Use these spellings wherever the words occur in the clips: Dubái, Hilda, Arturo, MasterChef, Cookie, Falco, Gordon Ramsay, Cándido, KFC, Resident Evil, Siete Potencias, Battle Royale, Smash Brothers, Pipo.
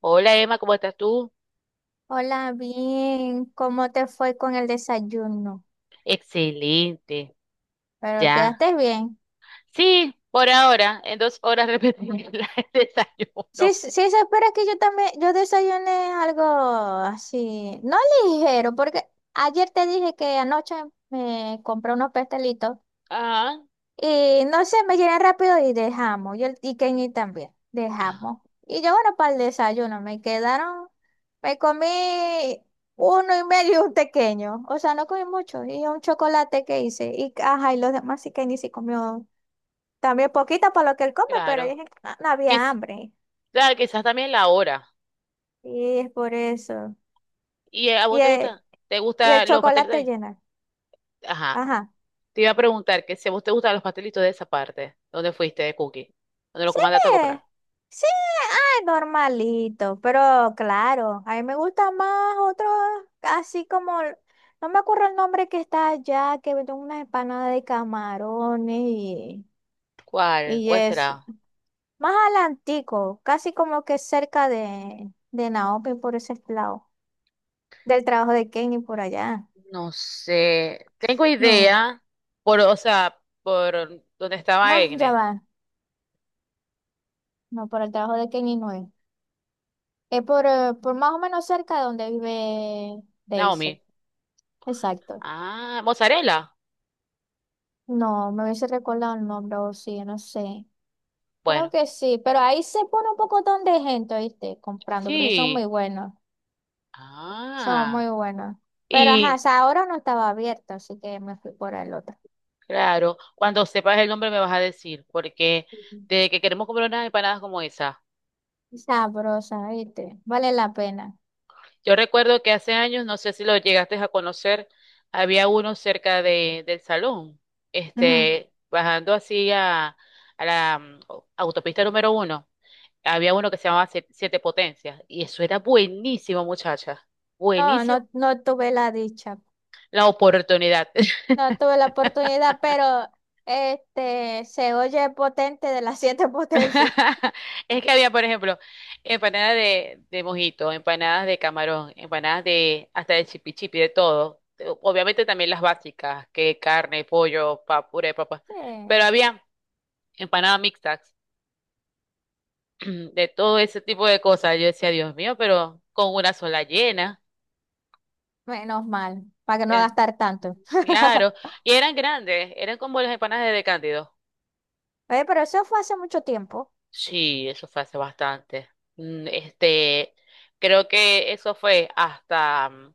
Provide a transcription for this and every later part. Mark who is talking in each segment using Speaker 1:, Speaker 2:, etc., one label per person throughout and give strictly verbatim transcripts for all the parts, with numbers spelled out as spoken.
Speaker 1: Hola Emma, ¿cómo estás tú?
Speaker 2: Hola, bien. ¿Cómo te fue con el desayuno?
Speaker 1: Excelente,
Speaker 2: Pero
Speaker 1: ya.
Speaker 2: quedaste bien.
Speaker 1: Sí, por ahora, en dos horas repetimos la- el desayuno.
Speaker 2: Sí, sí, sí, se espera que yo también, yo desayuné algo así, no ligero, porque ayer te dije que anoche me compré unos pastelitos.
Speaker 1: Ajá,
Speaker 2: Y no sé, me llené rápido y dejamos. Yo, y Kenny también,
Speaker 1: ajá,
Speaker 2: dejamos. Y yo, bueno, para el desayuno, me quedaron, me comí uno y medio y un pequeño. O sea, no comí mucho. Y un chocolate que hice. Y, ajá, y los demás sí, Kenny sí comió también poquito para lo que él come, pero
Speaker 1: claro.
Speaker 2: dije que no, no había
Speaker 1: Quiz-
Speaker 2: hambre.
Speaker 1: claro, quizás también la hora.
Speaker 2: Y es por eso.
Speaker 1: ¿Y eh, a vos
Speaker 2: Y
Speaker 1: te
Speaker 2: el,
Speaker 1: gusta? ¿Te
Speaker 2: y el
Speaker 1: gustan los pasteles
Speaker 2: chocolate
Speaker 1: de-
Speaker 2: llena.
Speaker 1: Ajá,
Speaker 2: Ajá.
Speaker 1: te iba a preguntar que si a vos te gustan los pastelitos de esa parte? ¿Dónde fuiste de Cookie? ¿Dónde lo
Speaker 2: Sí,
Speaker 1: comandaste a comprar?
Speaker 2: me, sí, ay, normalito, pero claro, a mí me gusta más otro, así como, el- no me acuerdo el nombre que está allá, que venden unas empanadas de camarones y,
Speaker 1: ¿Cuál?
Speaker 2: y
Speaker 1: ¿Cuál
Speaker 2: es
Speaker 1: será?
Speaker 2: más adelantico, casi como que cerca de, de Naomi por ese lado, del trabajo de Kenny por allá.
Speaker 1: No sé. Tengo
Speaker 2: No,
Speaker 1: idea por, o sea, por donde estaba
Speaker 2: no, ya
Speaker 1: Egne,
Speaker 2: va, no, por el trabajo de Kenny no es, es por, eh, por más o menos cerca de donde vive Daisy,
Speaker 1: Naomi.
Speaker 2: exacto.
Speaker 1: Ah, mozzarella.
Speaker 2: No, me hubiese recordado el nombre, o sí, no sé. Creo
Speaker 1: Bueno,
Speaker 2: que sí, pero ahí se pone un pocotón de gente, ¿viste? Comprando, porque son
Speaker 1: sí.
Speaker 2: muy buenos, son muy
Speaker 1: Ah,
Speaker 2: buenos. Pero ajá, o
Speaker 1: y
Speaker 2: sea, ahora no estaba abierto, así que me fui por el otro.
Speaker 1: claro, cuando sepas el nombre me vas a decir, porque
Speaker 2: Ujú.
Speaker 1: de que queremos comer unas empanadas como esa.
Speaker 2: Sabrosa, ¿viste? Vale la pena.
Speaker 1: Yo recuerdo que hace años, no sé si lo llegaste a conocer, había uno cerca de, del salón,
Speaker 2: Ujú.
Speaker 1: este, bajando así a, a la mm, autopista número uno, había uno que se llamaba Sie- Siete Potencias, y eso era buenísimo, muchacha.
Speaker 2: No,
Speaker 1: Buenísimo.
Speaker 2: no, no tuve la dicha,
Speaker 1: La oportunidad.
Speaker 2: no tuve la oportunidad, pero este se oye potente de las siete potencias.
Speaker 1: Es que había, por ejemplo, empanadas de, de mojito, empanadas de camarón, empanadas de hasta de chipi chipi, de todo. Obviamente también las básicas, que carne, pollo, pa, puré de papa.
Speaker 2: Sí.
Speaker 1: Pero había empanadas mixtas, de todo ese tipo de cosas. Yo decía, Dios mío, pero con una sola llena.
Speaker 2: Menos mal, para que no
Speaker 1: Eh,
Speaker 2: gastar tanto.
Speaker 1: claro. Y eran grandes, eran como las empanadas de Cándido.
Speaker 2: Oye, pero eso fue hace mucho tiempo.
Speaker 1: Sí, eso fue hace bastante. Mm, Este, creo que eso fue hasta, mm,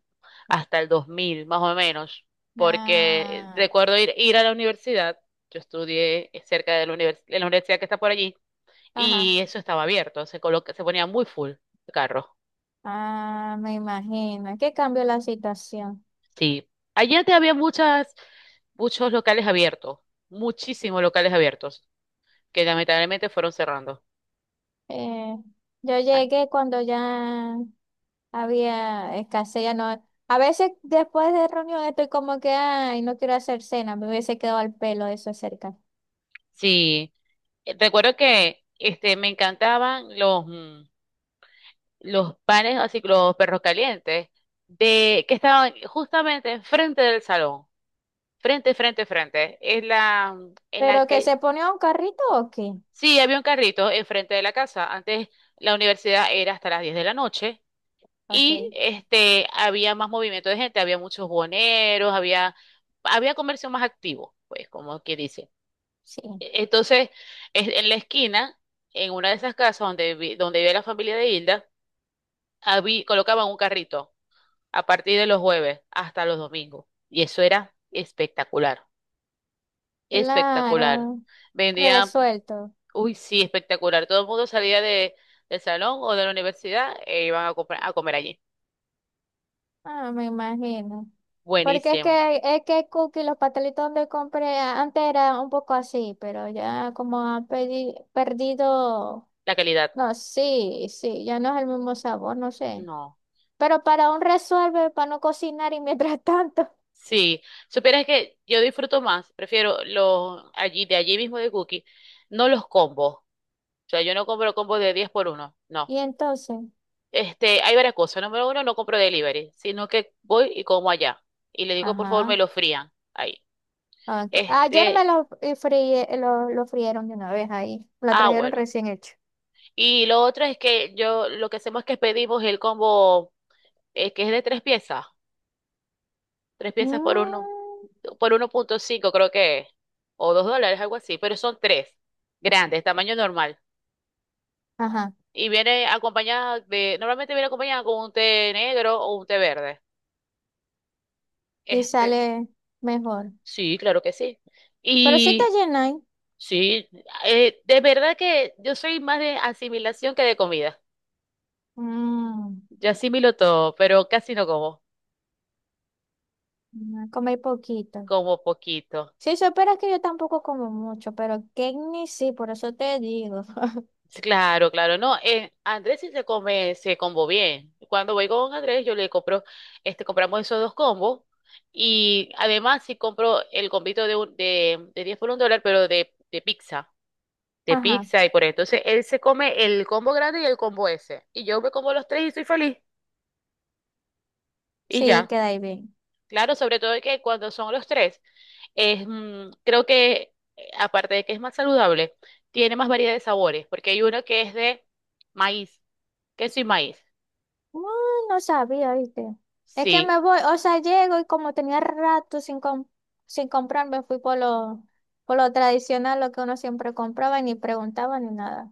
Speaker 1: hasta el dos mil, más o menos, porque
Speaker 2: Ah,
Speaker 1: recuerdo ir, ir a la universidad. Yo estudié cerca de la, univers- de la universidad que está por allí
Speaker 2: ajá.
Speaker 1: y eso estaba abierto, se coloca, se ponía muy full de carros.
Speaker 2: Ah, me imagino. ¿Qué cambió la situación?
Speaker 1: Sí, allí antes había muchas, muchos locales abiertos, muchísimos locales abiertos, que lamentablemente fueron cerrando.
Speaker 2: Eh, yo
Speaker 1: Ah,
Speaker 2: llegué cuando ya había escasez, ya no. A veces después de reunión estoy como que, ay, no quiero hacer cena, me hubiese quedado al pelo eso cerca.
Speaker 1: sí. Eh, Recuerdo que este, me encantaban los, mm, los panes, así que los perros calientes, de, que estaban justamente enfrente del salón, frente, frente, frente, en la, en la
Speaker 2: ¿Pero que
Speaker 1: calle.
Speaker 2: se ponía un carrito o qué?
Speaker 1: Sí, había un carrito enfrente de la casa. Antes la universidad era hasta las diez de la noche y
Speaker 2: Ok,
Speaker 1: este, había más movimiento de gente, había muchos boneros, había, había comercio más activo, pues como que dice.
Speaker 2: sí.
Speaker 1: Entonces, es- en la esquina, en una de esas casas donde, vi- donde vive la familia de Hilda, habí- colocaban un carrito a partir de los jueves hasta los domingos. Y eso era espectacular, espectacular.
Speaker 2: Claro,
Speaker 1: Vendían,
Speaker 2: resuelto.
Speaker 1: uy, sí, espectacular. Todo el mundo salía de, del salón o de la universidad e iban a, comprar- a comer allí.
Speaker 2: Ah, me imagino. Porque es
Speaker 1: Buenísimo.
Speaker 2: que, es que cookie, los pastelitos donde compré a- antes era un poco así, pero ya como han pedi- perdido,
Speaker 1: La calidad,
Speaker 2: no, sí, sí, ya no es el mismo sabor, no sé.
Speaker 1: no.
Speaker 2: Pero para un resuelve, para no cocinar y mientras tanto.
Speaker 1: Sí, supieras que yo disfruto más, prefiero los allí, de allí mismo de Cookie, no los combos. O sea, yo no compro combos de diez por uno, no.
Speaker 2: Y entonces,
Speaker 1: Este, hay varias cosas. Número uno, no compro delivery, sino que voy y como allá. Y le digo, por favor,
Speaker 2: ajá.
Speaker 1: me lo frían ahí.
Speaker 2: Ok. Ayer
Speaker 1: Este,
Speaker 2: me los eh, fríe- eh, lo, lo frieron de una vez ahí. Lo
Speaker 1: ah,
Speaker 2: trajeron
Speaker 1: bueno.
Speaker 2: recién hecho.
Speaker 1: Y lo otro es que yo, lo que hacemos es que pedimos el combo, eh, que es de tres piezas. Tres piezas por uno,
Speaker 2: Mm,
Speaker 1: por uno punto cinco creo que es. O dos dólares, algo así. Pero son tres, grandes, tamaño normal.
Speaker 2: ajá.
Speaker 1: Y viene acompañada de, normalmente viene acompañada con un té negro o un té verde.
Speaker 2: Y
Speaker 1: Este,
Speaker 2: sale mejor.
Speaker 1: sí, claro que sí.
Speaker 2: Pero sí te
Speaker 1: Y
Speaker 2: llenáis.
Speaker 1: sí, eh, de verdad que yo soy más de asimilación que de comida. Yo asimilo todo, pero casi no como,
Speaker 2: Mm, comí poquito.
Speaker 1: como poquito.
Speaker 2: Si supieras que yo tampoco como mucho, pero ni sí, por eso te digo.
Speaker 1: Sí, claro, claro, no. eh, Andrés sí se come, se combo bien. Cuando voy con Andrés, yo le compro, este, compramos esos dos combos. Y además sí compro el combito de, un- de, de diez por un dólar, pero de, de pizza. De
Speaker 2: Ajá,
Speaker 1: pizza y por ahí. Entonces él se come el combo grande y el combo ese. Y yo me como los tres y soy feliz. Y
Speaker 2: sí,
Speaker 1: ya.
Speaker 2: queda ahí bien.
Speaker 1: Claro, sobre todo que cuando son los tres, es, mm, creo que eh, aparte de que es más saludable, tiene más variedad de sabores, porque hay uno que es de maíz, queso y maíz.
Speaker 2: Mm, no sabía, ¿viste? Es que
Speaker 1: Sí,
Speaker 2: me voy, o sea, llego y como tenía rato sin, com- sin comprar, me fui por lo, por lo tradicional, lo que uno siempre compraba, y ni preguntaba ni nada.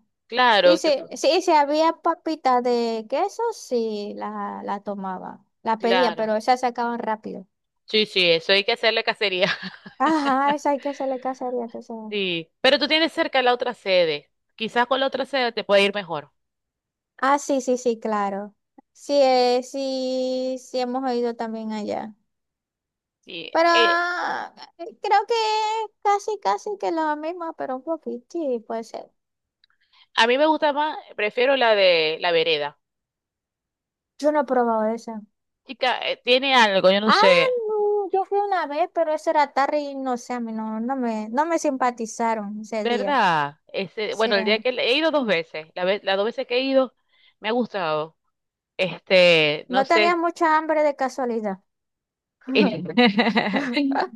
Speaker 2: Y
Speaker 1: claro, te
Speaker 2: si,
Speaker 1: fu-
Speaker 2: sí, y si había papitas de queso, sí, la, la tomaba, la pedía,
Speaker 1: claro.
Speaker 2: pero esas se acaban rápido.
Speaker 1: Sí, sí, eso hay que hacerle cacería.
Speaker 2: Ajá, esa hay que hacerle cacería, entonces.
Speaker 1: Sí, pero tú tienes cerca la otra sede. Quizás con la otra sede te puede ir mejor.
Speaker 2: Ah, sí, sí, sí, claro. Sí, eh, sí, sí hemos oído también allá.
Speaker 1: Sí,
Speaker 2: Pero
Speaker 1: eh,
Speaker 2: ah, eh, creo que casi, casi que lo mismo, pero un poquito, sí, puede ser.
Speaker 1: a mí me gusta más, prefiero la de la vereda.
Speaker 2: Yo no he probado esa.
Speaker 1: Chica, eh, tiene algo, yo no
Speaker 2: Ah,
Speaker 1: sé.
Speaker 2: no, yo fui una vez, pero eso era tarde y no sé, a mí no, no me, no me simpatizaron ese día.
Speaker 1: ¿Verdad? Este,
Speaker 2: Sí,
Speaker 1: bueno, el día que le- he ido dos veces, la vez, las dos veces que he ido, me ha gustado. Este, no
Speaker 2: no tenía
Speaker 1: sé.
Speaker 2: mucha hambre de casualidad.
Speaker 1: eh,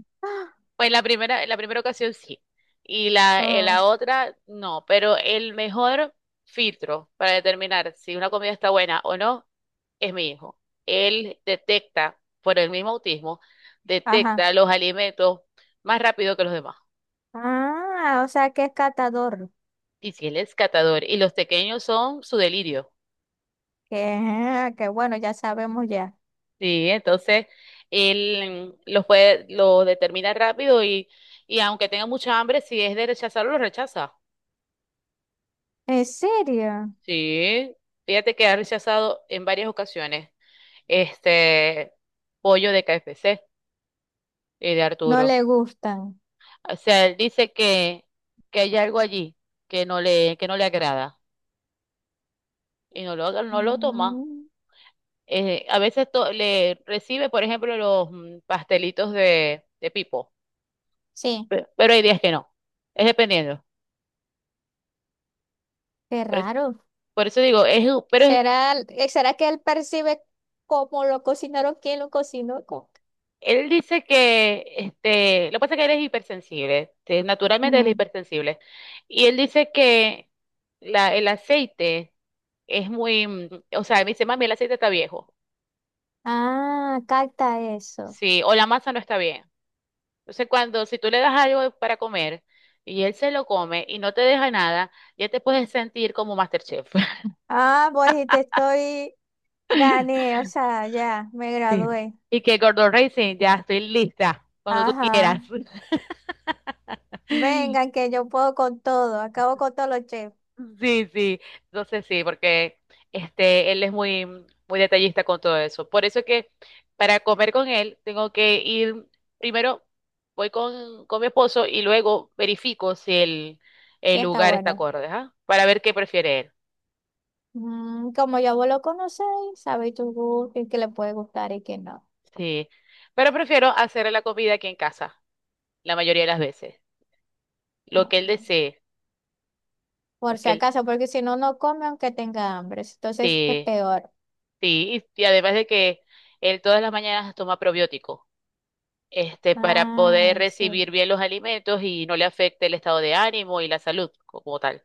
Speaker 1: Pues la primera, la primera ocasión sí. Y la, eh,
Speaker 2: Oh,
Speaker 1: la otra no. Pero el mejor filtro para determinar si una comida está buena o no es mi hijo. Él detecta, por el mismo autismo,
Speaker 2: ajá.
Speaker 1: detecta los alimentos más rápido que los demás.
Speaker 2: Ah, o sea que es catador.
Speaker 1: Y si él es catador y los pequeños son su delirio.
Speaker 2: Que, que bueno, ya sabemos ya.
Speaker 1: Sí, entonces él mm, los puede, lo determina rápido y, y aunque tenga mucha hambre, si es de rechazarlo, lo rechaza.
Speaker 2: ¿En serio?
Speaker 1: Sí, fíjate que ha rechazado en varias ocasiones este pollo de K F C y de
Speaker 2: No
Speaker 1: Arturo.
Speaker 2: le gustan.
Speaker 1: O sea, él dice que, que hay algo allí que no le, que no le agrada y no lo, no lo toma.
Speaker 2: Mm,
Speaker 1: Eh, a veces to- le recibe, por ejemplo, los mm, pastelitos de, de Pipo,
Speaker 2: sí.
Speaker 1: pe- pero hay días que no. Es dependiendo.
Speaker 2: Qué
Speaker 1: Por
Speaker 2: raro.
Speaker 1: Por eso digo, es, hu- pero es-
Speaker 2: ¿Será, eh, será que él percibe cómo lo cocinaron, quién lo cocinó? ¿Cómo?
Speaker 1: él dice que, este, lo que pasa es que él es hipersensible, este, naturalmente él es
Speaker 2: Ujú.
Speaker 1: hipersensible. Y él dice que la, el aceite es muy, mm, o sea, me dice, mami, el aceite está viejo,
Speaker 2: Ah, capta eso.
Speaker 1: sí, o la masa no está bien. Entonces, cuando, si tú le das algo para comer y él se lo come y no te deja nada, ya te puedes sentir como MasterChef.
Speaker 2: Ah, pues y te estoy, gané, o sea, ya, me
Speaker 1: Sí.
Speaker 2: gradué.
Speaker 1: Y que Gordon Ramsay, ya estoy lista, cuando tú
Speaker 2: Ajá.
Speaker 1: quieras.
Speaker 2: Vengan, que yo puedo con todo, acabo con todos los chefs.
Speaker 1: Sí, sí, entonces sí, porque este, él es muy, muy detallista con todo eso. Por eso es que para comer con él tengo que ir, primero voy con, con mi esposo y luego verifico si el,
Speaker 2: Sí,
Speaker 1: el
Speaker 2: está
Speaker 1: lugar está
Speaker 2: bueno.
Speaker 1: acorde, ¿ah? Para ver qué prefiere él.
Speaker 2: Mm, como ya vos lo conocéis, sabéis tu gusto y qué le puede gustar y qué no.
Speaker 1: Sí, pero prefiero hacer la comida aquí en casa, la mayoría de las veces, lo que él desee, lo
Speaker 2: Por si
Speaker 1: que él,
Speaker 2: acaso, porque si no, no come aunque tenga hambre. Entonces es
Speaker 1: sí,
Speaker 2: peor.
Speaker 1: sí, y, y además de que él todas las mañanas toma probiótico. Este, para poder
Speaker 2: Ah, sí.
Speaker 1: recibir bien los alimentos y no le afecte el estado de ánimo y la salud como tal.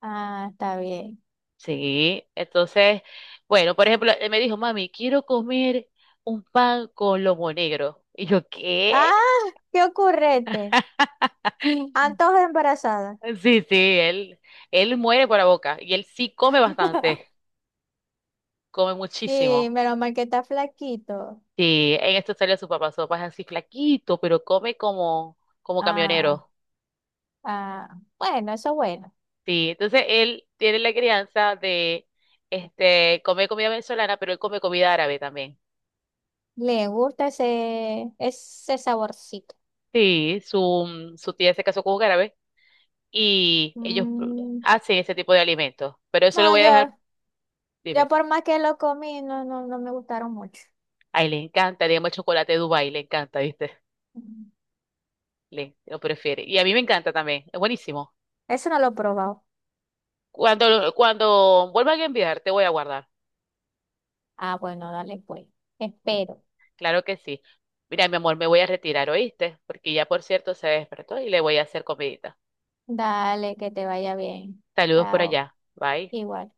Speaker 2: Ah, está bien.
Speaker 1: Sí, entonces, bueno, por ejemplo, él me dijo, mami, quiero comer un pan con lomo negro. Y yo, ¿qué?
Speaker 2: Ah, qué ocurrente. Antojo de embarazada.
Speaker 1: Sí, sí, él, él muere por la boca y él sí come bastante, come
Speaker 2: Y
Speaker 1: muchísimo.
Speaker 2: menos mal que está flaquito.
Speaker 1: Sí, en esto salió su papá, su papá es así flaquito, pero come como, como
Speaker 2: Ah,
Speaker 1: camionero.
Speaker 2: ah. Bueno, eso es bueno.
Speaker 1: Sí, entonces él tiene la crianza de este comer comida venezolana, pero él come comida árabe también.
Speaker 2: Le gusta ese, ese saborcito.
Speaker 1: Sí, su, mm, su tía se casó con un árabe y ellos pr-
Speaker 2: Mm,
Speaker 1: hacen ese tipo de alimentos. Pero eso lo
Speaker 2: no,
Speaker 1: voy a dejar,
Speaker 2: yo, yo
Speaker 1: dime.
Speaker 2: por más que lo comí, no, no, no me gustaron mucho.
Speaker 1: A él le encanta, digamos, el chocolate de Dubái, le encanta, ¿viste?
Speaker 2: Mm,
Speaker 1: Le, lo prefiere. Y a mí me encanta también, es buenísimo.
Speaker 2: eso no lo he probado.
Speaker 1: Cuando, lo- cuando vuelvan a enviar, te voy a guardar.
Speaker 2: Ah, bueno, dale pues.
Speaker 1: Sí,
Speaker 2: Espero.
Speaker 1: claro que sí. Mira, mi amor, me voy a retirar, ¿oíste? Porque ya, por cierto, se despertó y le voy a hacer comidita.
Speaker 2: Dale, que te vaya bien.
Speaker 1: Saludos por
Speaker 2: Chao.
Speaker 1: allá. Bye.
Speaker 2: Igual.